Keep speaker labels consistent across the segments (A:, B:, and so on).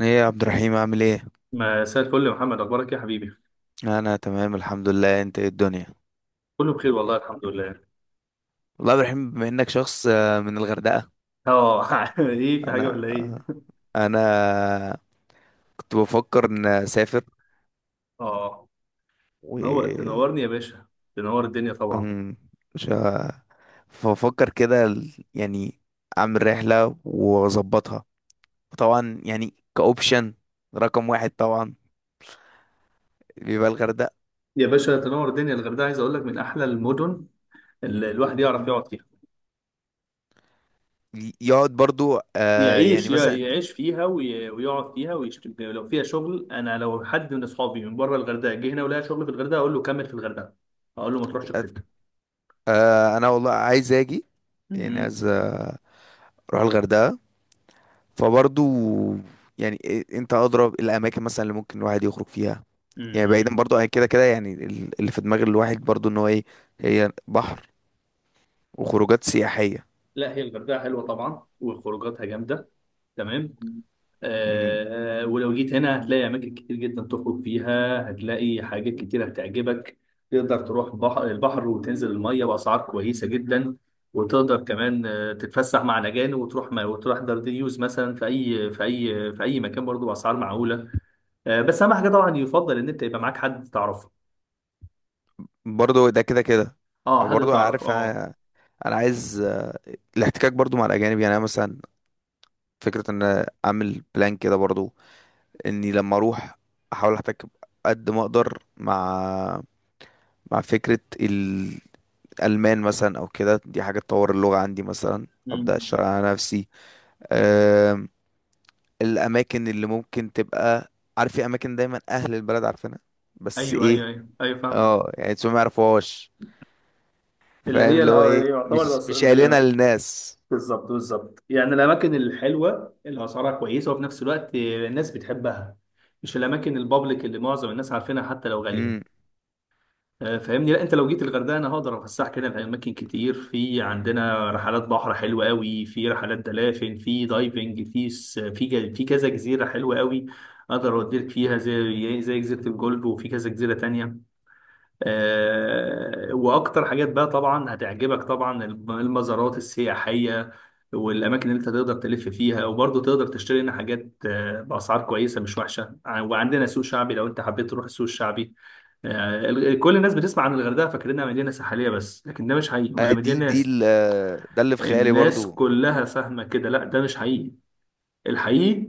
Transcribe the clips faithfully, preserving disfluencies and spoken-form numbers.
A: ايه يا عبد الرحيم عامل ايه؟
B: مساء الفل يا محمد، اخبارك إيه يا حبيبي؟
A: انا تمام الحمد لله. انت ايه الدنيا؟
B: كله بخير والله، الحمد لله.
A: والله يا عبد الرحيم بما انك شخص آه، من الغردقة.
B: اه، ايه؟ في حاجه
A: انا
B: ولا
A: آه،
B: ايه؟
A: انا كنت بفكر ان اسافر
B: اه، نور
A: و
B: تنورني يا باشا. تنور الدنيا طبعا.
A: أم، مش ه- فبفكر كده ال- يعني اعمل رحلة واظبطها. طبعا يعني كاوبشن رقم واحد طبعا بيبقى الغردقة.
B: يا باشا تنور الدنيا. الغردقه عايز اقول لك من احلى المدن اللي الواحد يعرف يقعد فيها.
A: ي- يقعد برضو آه يعني
B: يعيش يع-
A: مثلا.
B: يعيش فيها وي- ويقعد فيها، ويشت... لو فيها شغل. انا لو حد من اصحابي من بره الغردقه جه هنا ولقى شغل في الغردقه اقول له كمل في الغردقه. اقول له ما تروحش في
A: أنت-
B: حته.
A: آه انا والله عايز اجي. يعني
B: امم.
A: عايز اروح الغردقة. فبرضو يعني إيه- انت ادرى الاماكن مثلا اللي ممكن الواحد يخرج فيها. يعني بعيدا
B: أمم.
A: برضو عن كده كده يعني ال- اللي في دماغ الواحد برضو ان هو ايه، هي بحر وخروجات سياحية.
B: لا، هي الغردقه حلوه طبعا وخروجاتها جامده. تمام.
A: مم.
B: آه، ولو جيت هنا هتلاقي أماكن كتير جدا تخرج فيها، هتلاقي حاجات كتير هتعجبك. تقدر تروح بحر البحر وتنزل المية بأسعار كويسة جدا، وتقدر كمان آه، تتفسح مع الأجانب، وتروح ما وتروح دارديوز مثلا في أي في أي في أي مكان برضه بأسعار معقولة. آه بس أهم حاجة طبعا يفضل إن أنت يبقى معاك حد تعرفه.
A: برضو ده كده كده.
B: أه، حد
A: برضو
B: تعرفه.
A: عارف
B: أه.
A: انا، أنا عايز آه، الاحتكاك برضو مع الاجانب. يعني انا مثلا فكرة ان أنا اعمل بلان كده برضو، اني لما اروح احاول احتك قد ما اقدر مع مع فكرة الالمان مثلا او كده. دي حاجة تطور اللغة عندي مثلا،
B: مم.
A: ابدا اشتغل على نفسي. آم، الاماكن اللي ممكن تبقى، عارف في اماكن دايما اهل البلد عارفينها بس
B: ايوه، ايوه،
A: ايه،
B: ايوه، ايوه، فاهمك.
A: اه يعني انتوا ما يعرفوهاش.
B: اللي
A: فاهم
B: هي
A: اللي هو ايه،
B: الأ- يعتبر،
A: مش مش قايلينها للناس.
B: بالظبط بالظبط، يعني الاماكن الحلوه اللي اسعارها كويسه وفي نفس الوقت الناس بتحبها، مش الاماكن البابليك اللي معظم الناس عارفينها حتى لو غاليه.
A: امم.
B: آه، فاهمني، لا انت لو جيت الغردقه انا هقدر افسحك هنا في اماكن كتير. في عندنا رحلات بحر حلوه قوي، في رحلات دلافين، في دايفنج، في س- في ج- في كذا جزيره حلوه قوي. اقدر اوديك فيها زي زي جزيره الجولف، وفي كذا جزيره تانية. آه، واكتر حاجات بقى طبعا هتعجبك، طبعا المزارات السياحيه والاماكن اللي انت تقدر تلف فيها، وبرضه تقدر تشتري هنا حاجات آه، باسعار كويسه مش وحشه. ع- وعندنا سوق شعبي لو انت حبيت تروح السوق الشعبي. آه، ال- كل الناس بتسمع عن الغردقه فاكرينها مدينه ساحليه بس، لكن ده مش حقيقي
A: آه،
B: ولا
A: دي
B: مدينه
A: دي
B: ناس.
A: ال- آه، ده اللي في خيالي
B: الناس
A: برضو.
B: كلها فاهمه كده، لا ده مش حقيقي. الحقيقي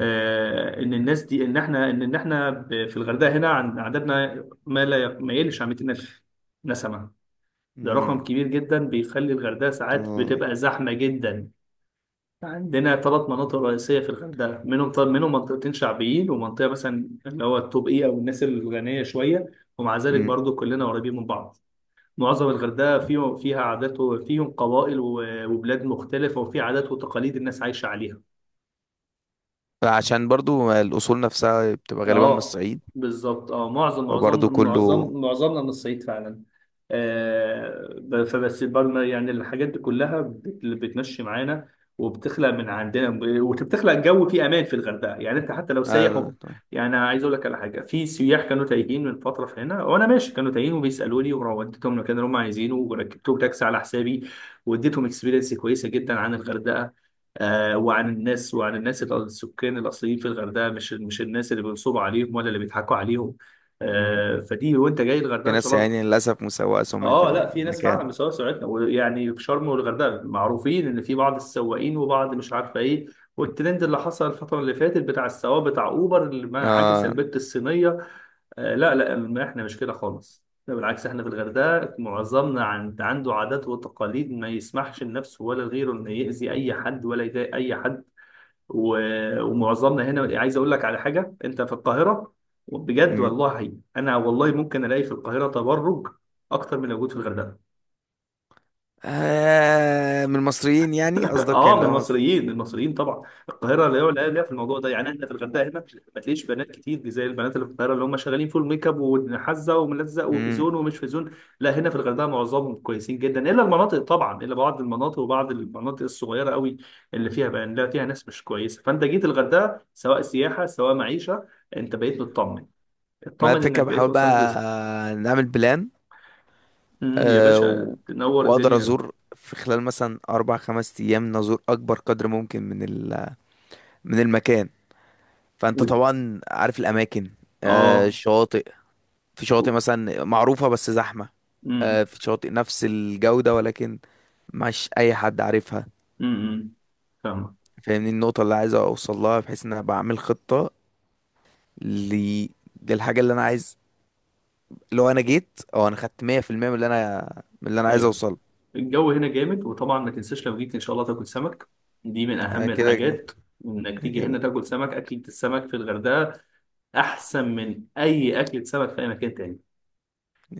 B: آه، ان الناس دي ان احنا ان ان احنا ب- في الغردقه هنا عن- عددنا ما لا ي- ما يقلش عن ميتين ألف نسمه. ده
A: امم.
B: رقم كبير جدا بيخلي الغردقه ساعات
A: تو-
B: بتبقى زحمه جدا. عندنا ثلاث مناطق رئيسيه في الغردقه، منهم طب منهم منطقتين شعبيين، ومنطقه مثلا اللي هو التوب اي او الناس الغنيه شويه، ومع ذلك
A: امم.
B: برضو كلنا قريبين من بعض. معظم الغردقه فيه فيها عادات، وفيهم قبائل و- وبلاد مختلفه، وفي عادات وتقاليد الناس عايشه عليها.
A: عشان برضو الاصول نفسها بتبقى غالبا من
B: اه،
A: الصعيد،
B: بالظبط. اه معظم معظم
A: فبرضو كله.
B: معظم معظمنا من الصعيد فعلا. آه ب- فبس برضه يعني الحاجات دي كلها بت- بتمشي معانا، وبتخلق من عندنا، وبتخلق جو فيه امان في الغردقه. يعني انت حتى لو سايح
A: آه...
B: وب- يعني أنا عايز اقول لك على حاجه. في سياح كانوا تايهين من فتره في هنا، وانا ماشي كانوا تايهين وبيسالوني، ووديتهم المكان اللي هم عايزينه وركبتهم تاكسي على حسابي، واديتهم اكسبيرينس كويسه جدا عن الغردقه، آه، وعن الناس، وعن الناس الأ- السكان الاصليين في الغردقه، مش مش الناس اللي بينصبوا عليهم ولا اللي بيضحكوا عليهم.
A: امم.
B: آه، فدي وانت جاي الغردقه
A: في
B: ان شاء
A: ناس
B: الله.
A: يعني للاسف مسوقه سمعه
B: اه، لا في ناس فعلا
A: المكان.
B: بيسوقوا سرعتنا، ويعني في شرم والغردقه معروفين ان في بعض السواقين وبعض مش عارفه ايه، والترند اللي حصل الفتره اللي فاتت بتاع السواق بتاع اوبر اللي ما عكس
A: اه،
B: البت الصينيه. آه، لا لا، ما احنا مش كده خالص، لا بالعكس، احنا في الغردقه معظمنا عن- عنده عادات وتقاليد ما يسمحش لنفسه ولا لغيره انه يأذي اي حد ولا يضايق اي حد. و- ومعظمنا هنا. عايز اقول لك على حاجه، انت في القاهره بجد والله، انا والله ممكن الاقي في القاهره تبرج اكتر من اللي موجود في الغردقه.
A: آه من المصريين يعني قصدك كان
B: اه، من
A: لو مصري.
B: المصريين، من المصريين طبعا. القاهره اللي هو لا ليها في الموضوع ده، يعني احنا في الغردقه هنا ما تلاقيش بنات كتير دي زي البنات اللي في القاهره اللي هم شغالين فول ميك اب وحزه وملزق وفي
A: امم.
B: زون ومش في زون. لا هنا في الغردقه معظمهم كويسين جدا، الا المناطق طبعا، الا بعض المناطق، وبعض المناطق الصغيره قوي اللي فيها بقى، يعني لا فيها ناس مش كويسه. فانت جيت الغردقه سواء سياحه سواء معيشه، انت بقيت مطمن،
A: ما
B: اطمن انك
A: الفكرة
B: بقيت
A: بحاول
B: وصلت
A: بقى
B: لس-
A: نعمل بلان.
B: أمم، يا
A: آه و...
B: باشا تنور
A: واقدر
B: الدنيا.
A: ازور في خلال مثلا اربع خمس ايام، نزور اكبر قدر ممكن من ال... من المكان. فانت
B: و-
A: طبعا عارف الاماكن، آه
B: اه.
A: الشواطئ. في شواطئ
B: و-
A: مثلا معروفة بس زحمة، آه
B: امم.
A: في شواطئ نفس الجودة ولكن مش اي حد عارفها.
B: امم. أمم. فاهمك.
A: فاهمني النقطة اللي عايز اوصل لها، بحيث ان انا بعمل خطة ل... للحاجة اللي انا عايز. لو انا جيت او انا خدت مية في المية من اللي انا من اللي انا عايز
B: ايوه.
A: اوصله.
B: الجو هنا جامد، وطبعا ما تنساش لو جيت ان شاء الله تاكل سمك، دي من
A: انا
B: اهم
A: كده كده
B: الحاجات، انك تيجي
A: كده
B: هنا تاكل سمك. اكلة السمك في الغردقة احسن من اي اكلة سمك في اي مكان تاني.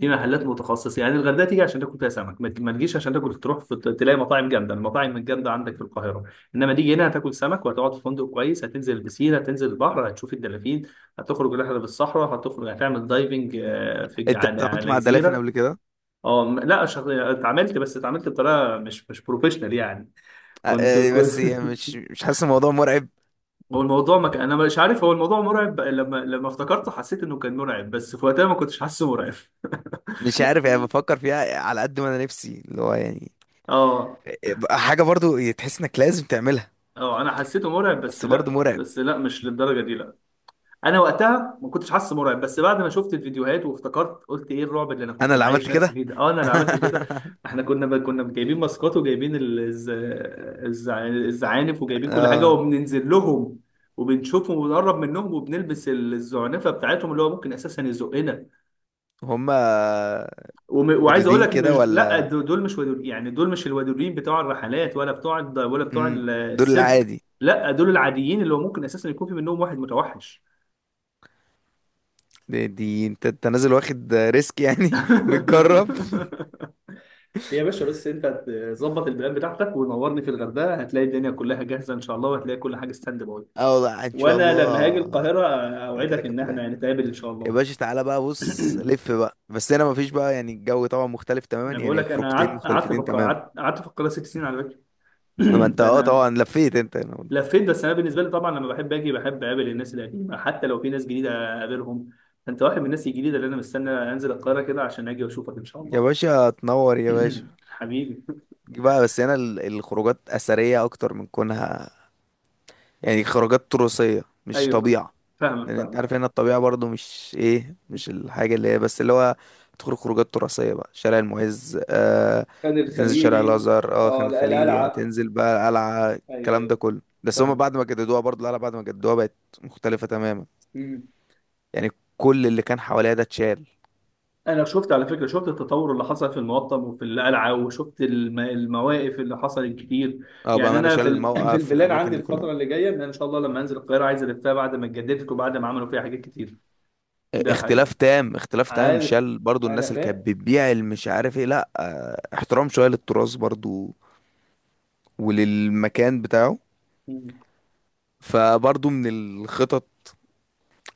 B: في محلات متخصصة، يعني الغردقة تيجي عشان تاكل فيها سمك، ما ما تجيش عشان تاكل تروح في تلاقي مطاعم جامدة، المطاعم الجامدة عندك في القاهرة. انما تيجي هنا هتاكل سمك، وهتقعد في فندق كويس، هتنزل البسين، هتنزل البحر، هتشوف الدلافين، هتخرج رحلة بالصحراء، هتخرج هتعمل دايفنج آه، في
A: انت
B: على
A: اتعاملت
B: على
A: مع الدلافين
B: جزيرة.
A: قبل كده؟
B: اه، م- لا، شغ... اتعاملت، بس اتعاملت بطريقه مش مش بروفيشنال يعني.
A: أ-
B: كنت
A: أ-
B: كنت
A: بس يعني مش مش حاسس الموضوع مرعب؟
B: هو الموضوع ما كان، انا مش عارف، هو الموضوع مرعب، لما لما افتكرته حسيت انه كان مرعب، بس في وقتها ما كنتش حاسه مرعب.
A: مش عارف يعني، بفكر فيها على قد ما انا نفسي اللي هو يعني
B: اه،
A: حاجه برضو يعني تحس انك لازم تعملها،
B: اه. انا حسيته مرعب، بس
A: بس برضو
B: لا
A: مرعب.
B: بس لا، مش للدرجه دي. انا وقتها ما كنتش حاسس مرعب، بس بعد ما شفت الفيديوهات وافتكرت، قلت ايه الرعب اللي انا
A: انا
B: كنت
A: اللي عملت
B: معايش نفسي
A: كده.
B: فيه ده. اه، انا اللي عملت كده. احنا كنا ب... كنا جايبين ماسكات، وجايبين ال- الز... الز... الزعانف، وجايبين كل حاجه وبننزل لهم، وبنشوفهم وبنقرب منهم، وبنلبس ال- الزعنفه بتاعتهم اللي هو ممكن اساسا يزقنا.
A: هما
B: وم... وعايز اقول
A: ودودين
B: لك،
A: كده
B: مش لا
A: ولا؟
B: دو- دول، مش ودور، يعني دول مش الودورين بتوع الرحلات، ولا بتوع الد... ولا بتوع
A: امم.
B: ال-
A: دول
B: السيرك.
A: العادي؟
B: لا دول العاديين اللي هو ممكن اساسا يكون في منهم واحد متوحش.
A: دي, دي انت انت نازل واخد ريسك يعني. بتجرب.
B: يا باشا، بس انت تظبط البلان بتاعتك ونورني، في الغردقه هتلاقي الدنيا كلها جاهزه ان شاء الله، وهتلاقي كل حاجه ستاند باي.
A: اه والله ان شاء
B: وانا لما هاجي
A: الله.
B: القاهره
A: كده
B: اوعدك
A: كده
B: ان
A: كبلان.
B: احنا نتقابل ان شاء
A: يا
B: الله.
A: باشا تعالى بقى، بص لف بقى بس هنا مفيش بقى. يعني الجو طبعا مختلف تماما،
B: انا بقول
A: يعني
B: لك، انا
A: خروجتين
B: قعدت قعدت في
A: مختلفتين
B: القا-
A: تماما.
B: قعدت قعدت في القاهره ست سنين على فكره.
A: ما انت اه
B: فانا
A: طبعا لفيت انت هنا.
B: لفيت، بس انا بالنسبه لي طبعا لما بحب اجي بحب اقابل الناس القديمه حتى لو في ناس جديده اقابلهم. انت واحد من الناس الجديده اللي انا مستني انزل القاهره كده عشان اجي واشوفك ان شاء
A: يا
B: الله.
A: باشا تنور يا باشا.
B: حبيبي.
A: جي بقى بس هنا ال- الخروجات أثرية أكتر من كونها، يعني خروجات تراثية مش
B: ايوه،
A: طبيعة.
B: فاهمك
A: لأن أنت
B: فاهمك.
A: عارف هنا الطبيعة برضو مش إيه، مش الحاجة اللي هي بس اللي هو تخرج خروجات تراثية. بقى شارع المعز، آه،
B: خان
A: تنزل شارع
B: الخليلي.
A: الأزهر، اه
B: اه،
A: خان الخليلي،
B: القلعه.
A: هتنزل بقى القلعة،
B: ايوه،
A: الكلام ده
B: ايوه،
A: كله. بس هما
B: فاهم.
A: بعد ما جددوها، برضو القلعة بعد ما جددوها بقت مختلفة تماما.
B: مم.
A: يعني كل اللي كان حواليها ده اتشال.
B: انا شفت على فكره، شفت التطور اللي حصل في المقطم وفي القلعه، وشفت الم- المواقف اللي حصلت كتير.
A: اه
B: يعني
A: بأمانة،
B: انا
A: شال
B: في ال- في
A: الموقف في
B: البلاد عندي
A: الأماكن دي كلها.
B: الفتره اللي جايه، ان انا ان شاء الله لما انزل القاهره عايز الفها بعد ما اتجددت وبعد ما عملوا فيها حاجات كتير. ده حقيقي.
A: اختلاف تام، اختلاف تام.
B: عارف.
A: شال برضو
B: انا
A: الناس اللي كانت
B: فاهم.
A: بتبيع اللي مش عارف ايه. لا اه، احترام شوية للتراث برضو وللمكان بتاعه.
B: مم.
A: فبرضو من الخطط،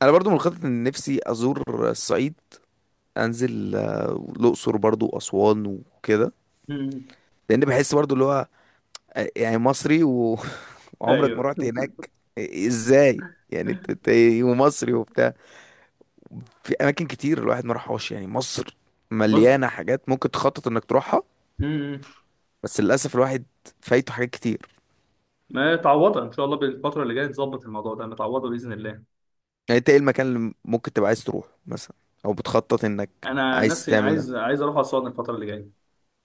A: انا برضو من الخطط ان نفسي ازور الصعيد. انزل آه، الاقصر برضو واسوان وكده.
B: مم.
A: لان بحس برضو اللي هو آه، يعني مصري و- وعمرك ما
B: ايوه.
A: رحت هناك. آه، ازاي يعني انت إنت إيه ومصري وبتاع؟ في اماكن كتير الواحد ما راحهاش. يعني مصر
B: بص.
A: مليانه حاجات ممكن تخطط انك تروحها.
B: مم.
A: بس للاسف الواحد فايته حاجات كتير.
B: ما تعوضها ان شاء الله، بالفتره اللي جايه تظبط الموضوع ده، متعوضه باذن الله.
A: يعني انت ايه المكان اللي ممكن تبقى عايز تروح مثلا او بتخطط انك
B: انا
A: عايز
B: نفسي
A: تعمل ده؟
B: عايز، عايز اروح اسوان الفتره اللي جايه،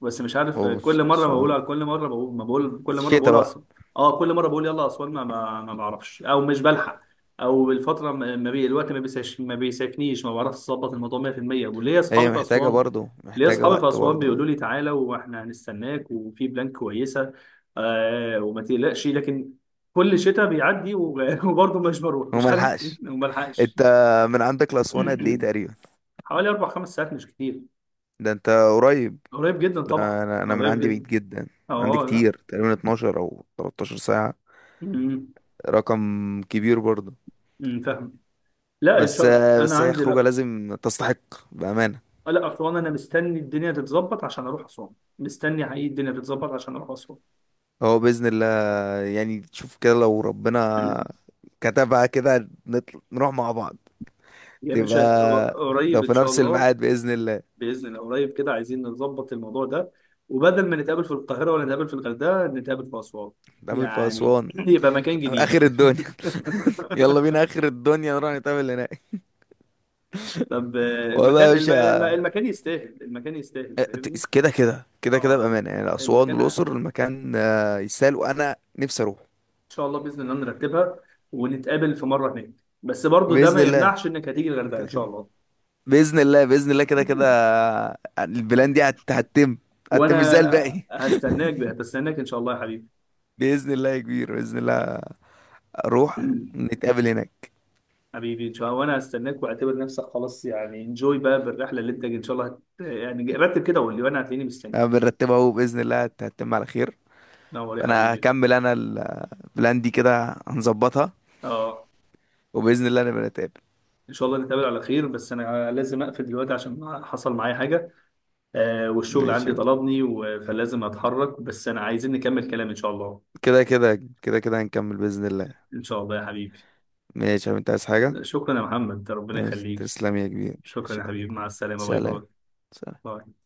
B: بس مش عارف، كل مره
A: وصون
B: بقولها، كل مره بقول ما بقول، كل مره
A: شتا
B: بقول
A: بقى.
B: اصلا. اه، كل مره بقول يلا اسوان، ما, ما, ما بعرفش، او مش بلحق، او الفتره ما ما بي الوقت، ما بيساش، ما بيسافنيش، ما بعرفش اظبط الموضوع مية في المية. وليا اصحابي
A: هي
B: في
A: محتاجة
B: اسوان،
A: برضو،
B: ليا
A: محتاجة
B: اصحابي في
A: وقت
B: اسوان
A: برضو،
B: بيقولوا لي تعالى واحنا هنستناك، وفي بلان كويسه، آه، وما تقلقش، لكن كل شتاء بيعدي و- وبرضه مش بروح مش عارف ايه
A: وملحقش.
B: وما بلحقش.
A: انت من عندك لأسوان قد ايه تقريبا؟
B: حوالي اربع خمس ساعات، مش كتير.
A: ده انت قريب.
B: قريب جدا
A: ده
B: طبعا.
A: انا، أنا من
B: قريب
A: عندي بعيد
B: جدا.
A: جدا. عندي
B: اه.
A: كتير، تقريبا اثنا عشر او ثلاثة عشر ساعة.
B: لا.
A: رقم كبير برضو.
B: امم، فاهم. لا، ان
A: بس
B: شاء الله انا
A: بس هي
B: عندي.
A: خروجة
B: لا.
A: لازم تستحق بأمانة.
B: لا، اسوان انا مستني الدنيا تتظبط عشان اروح اسوان. مستني حقيقي الدنيا تتظبط عشان اروح اسوان.
A: هو بإذن الله يعني، تشوف كده لو ربنا كتبها كده نطل... نروح مع بعض.
B: يا باشا،
A: تبقى لو
B: قريب
A: في
B: ان شاء
A: نفس
B: الله.
A: الميعاد بإذن الله
B: باذن الله قريب كده، عايزين نظبط الموضوع ده، وبدل ما نتقابل في القاهره ولا نتقابل في الغردقه نتقابل في اسوان،
A: نقابل في
B: يعني
A: أسوان،
B: يبقى مكان جديد.
A: اخر الدنيا. يلا بينا اخر الدنيا، نروح نتقابل هناك.
B: طب آه،
A: والله يا
B: المكان الم... الم-
A: باشا،
B: المكان يستاهل، المكان يستاهل.
A: اه،
B: فاهمني.
A: ت- كده كده كده كده
B: اه،
A: بامانه. يعني اسوان
B: المكان.
A: والاقصر المكان آه، يسال وانا نفسي اروح.
B: شاء الله باذن الله نرتبها، ونتقابل في مره هناك، بس برضو ده
A: باذن
B: ما
A: الله
B: يمنعش انك هتيجي الغردقه ان
A: كده
B: شاء
A: كده.
B: الله.
A: باذن الله باذن الله كده كده. آه، البلان دي هت- هتتم. هتتم مش زي
B: وانا
A: الباقي.
B: هستناك، هتستناك ان شاء الله يا حبيبي.
A: باذن الله يا كبير باذن الله. اروح نتقابل هناك.
B: حبيبي ان شاء الله، وانا هستناك. واعتبر نفسك خلاص، يعني انجوي بقى بالرحله، اللي انت ان شاء الله هت... يعني رتب كده وقول لي وانا هتلاقيني مستنيك.
A: أنا بنرتبها اهو، باذن الله هت- هتتم على خير.
B: نور يا
A: فانا
B: حبيبي.
A: هكمل انا ال- آه، البلان دي كده هنظبطها،
B: اه،
A: وباذن الله نبقى نتقابل.
B: ان شاء الله نتقابل على خير، بس انا لازم اقفل دلوقتي عشان حصل معايا حاجه. آه، والشغل
A: ماشي.
B: عندي طلبني و... فلازم اتحرك، بس انا عايزين نكمل كلام ان شاء الله.
A: كده كده كده كده هنكمل بإذن الله.
B: ان شاء الله يا حبيبي.
A: ماشي يا حبيبي، انت عايز حاجة؟
B: شكرا يا محمد، ربنا يخليك.
A: تسلم يا كبير،
B: شكرا
A: ماشي
B: يا
A: يلا.
B: حبيبي، مع السلامة، باي باي.
A: سلام. سلام.
B: باي.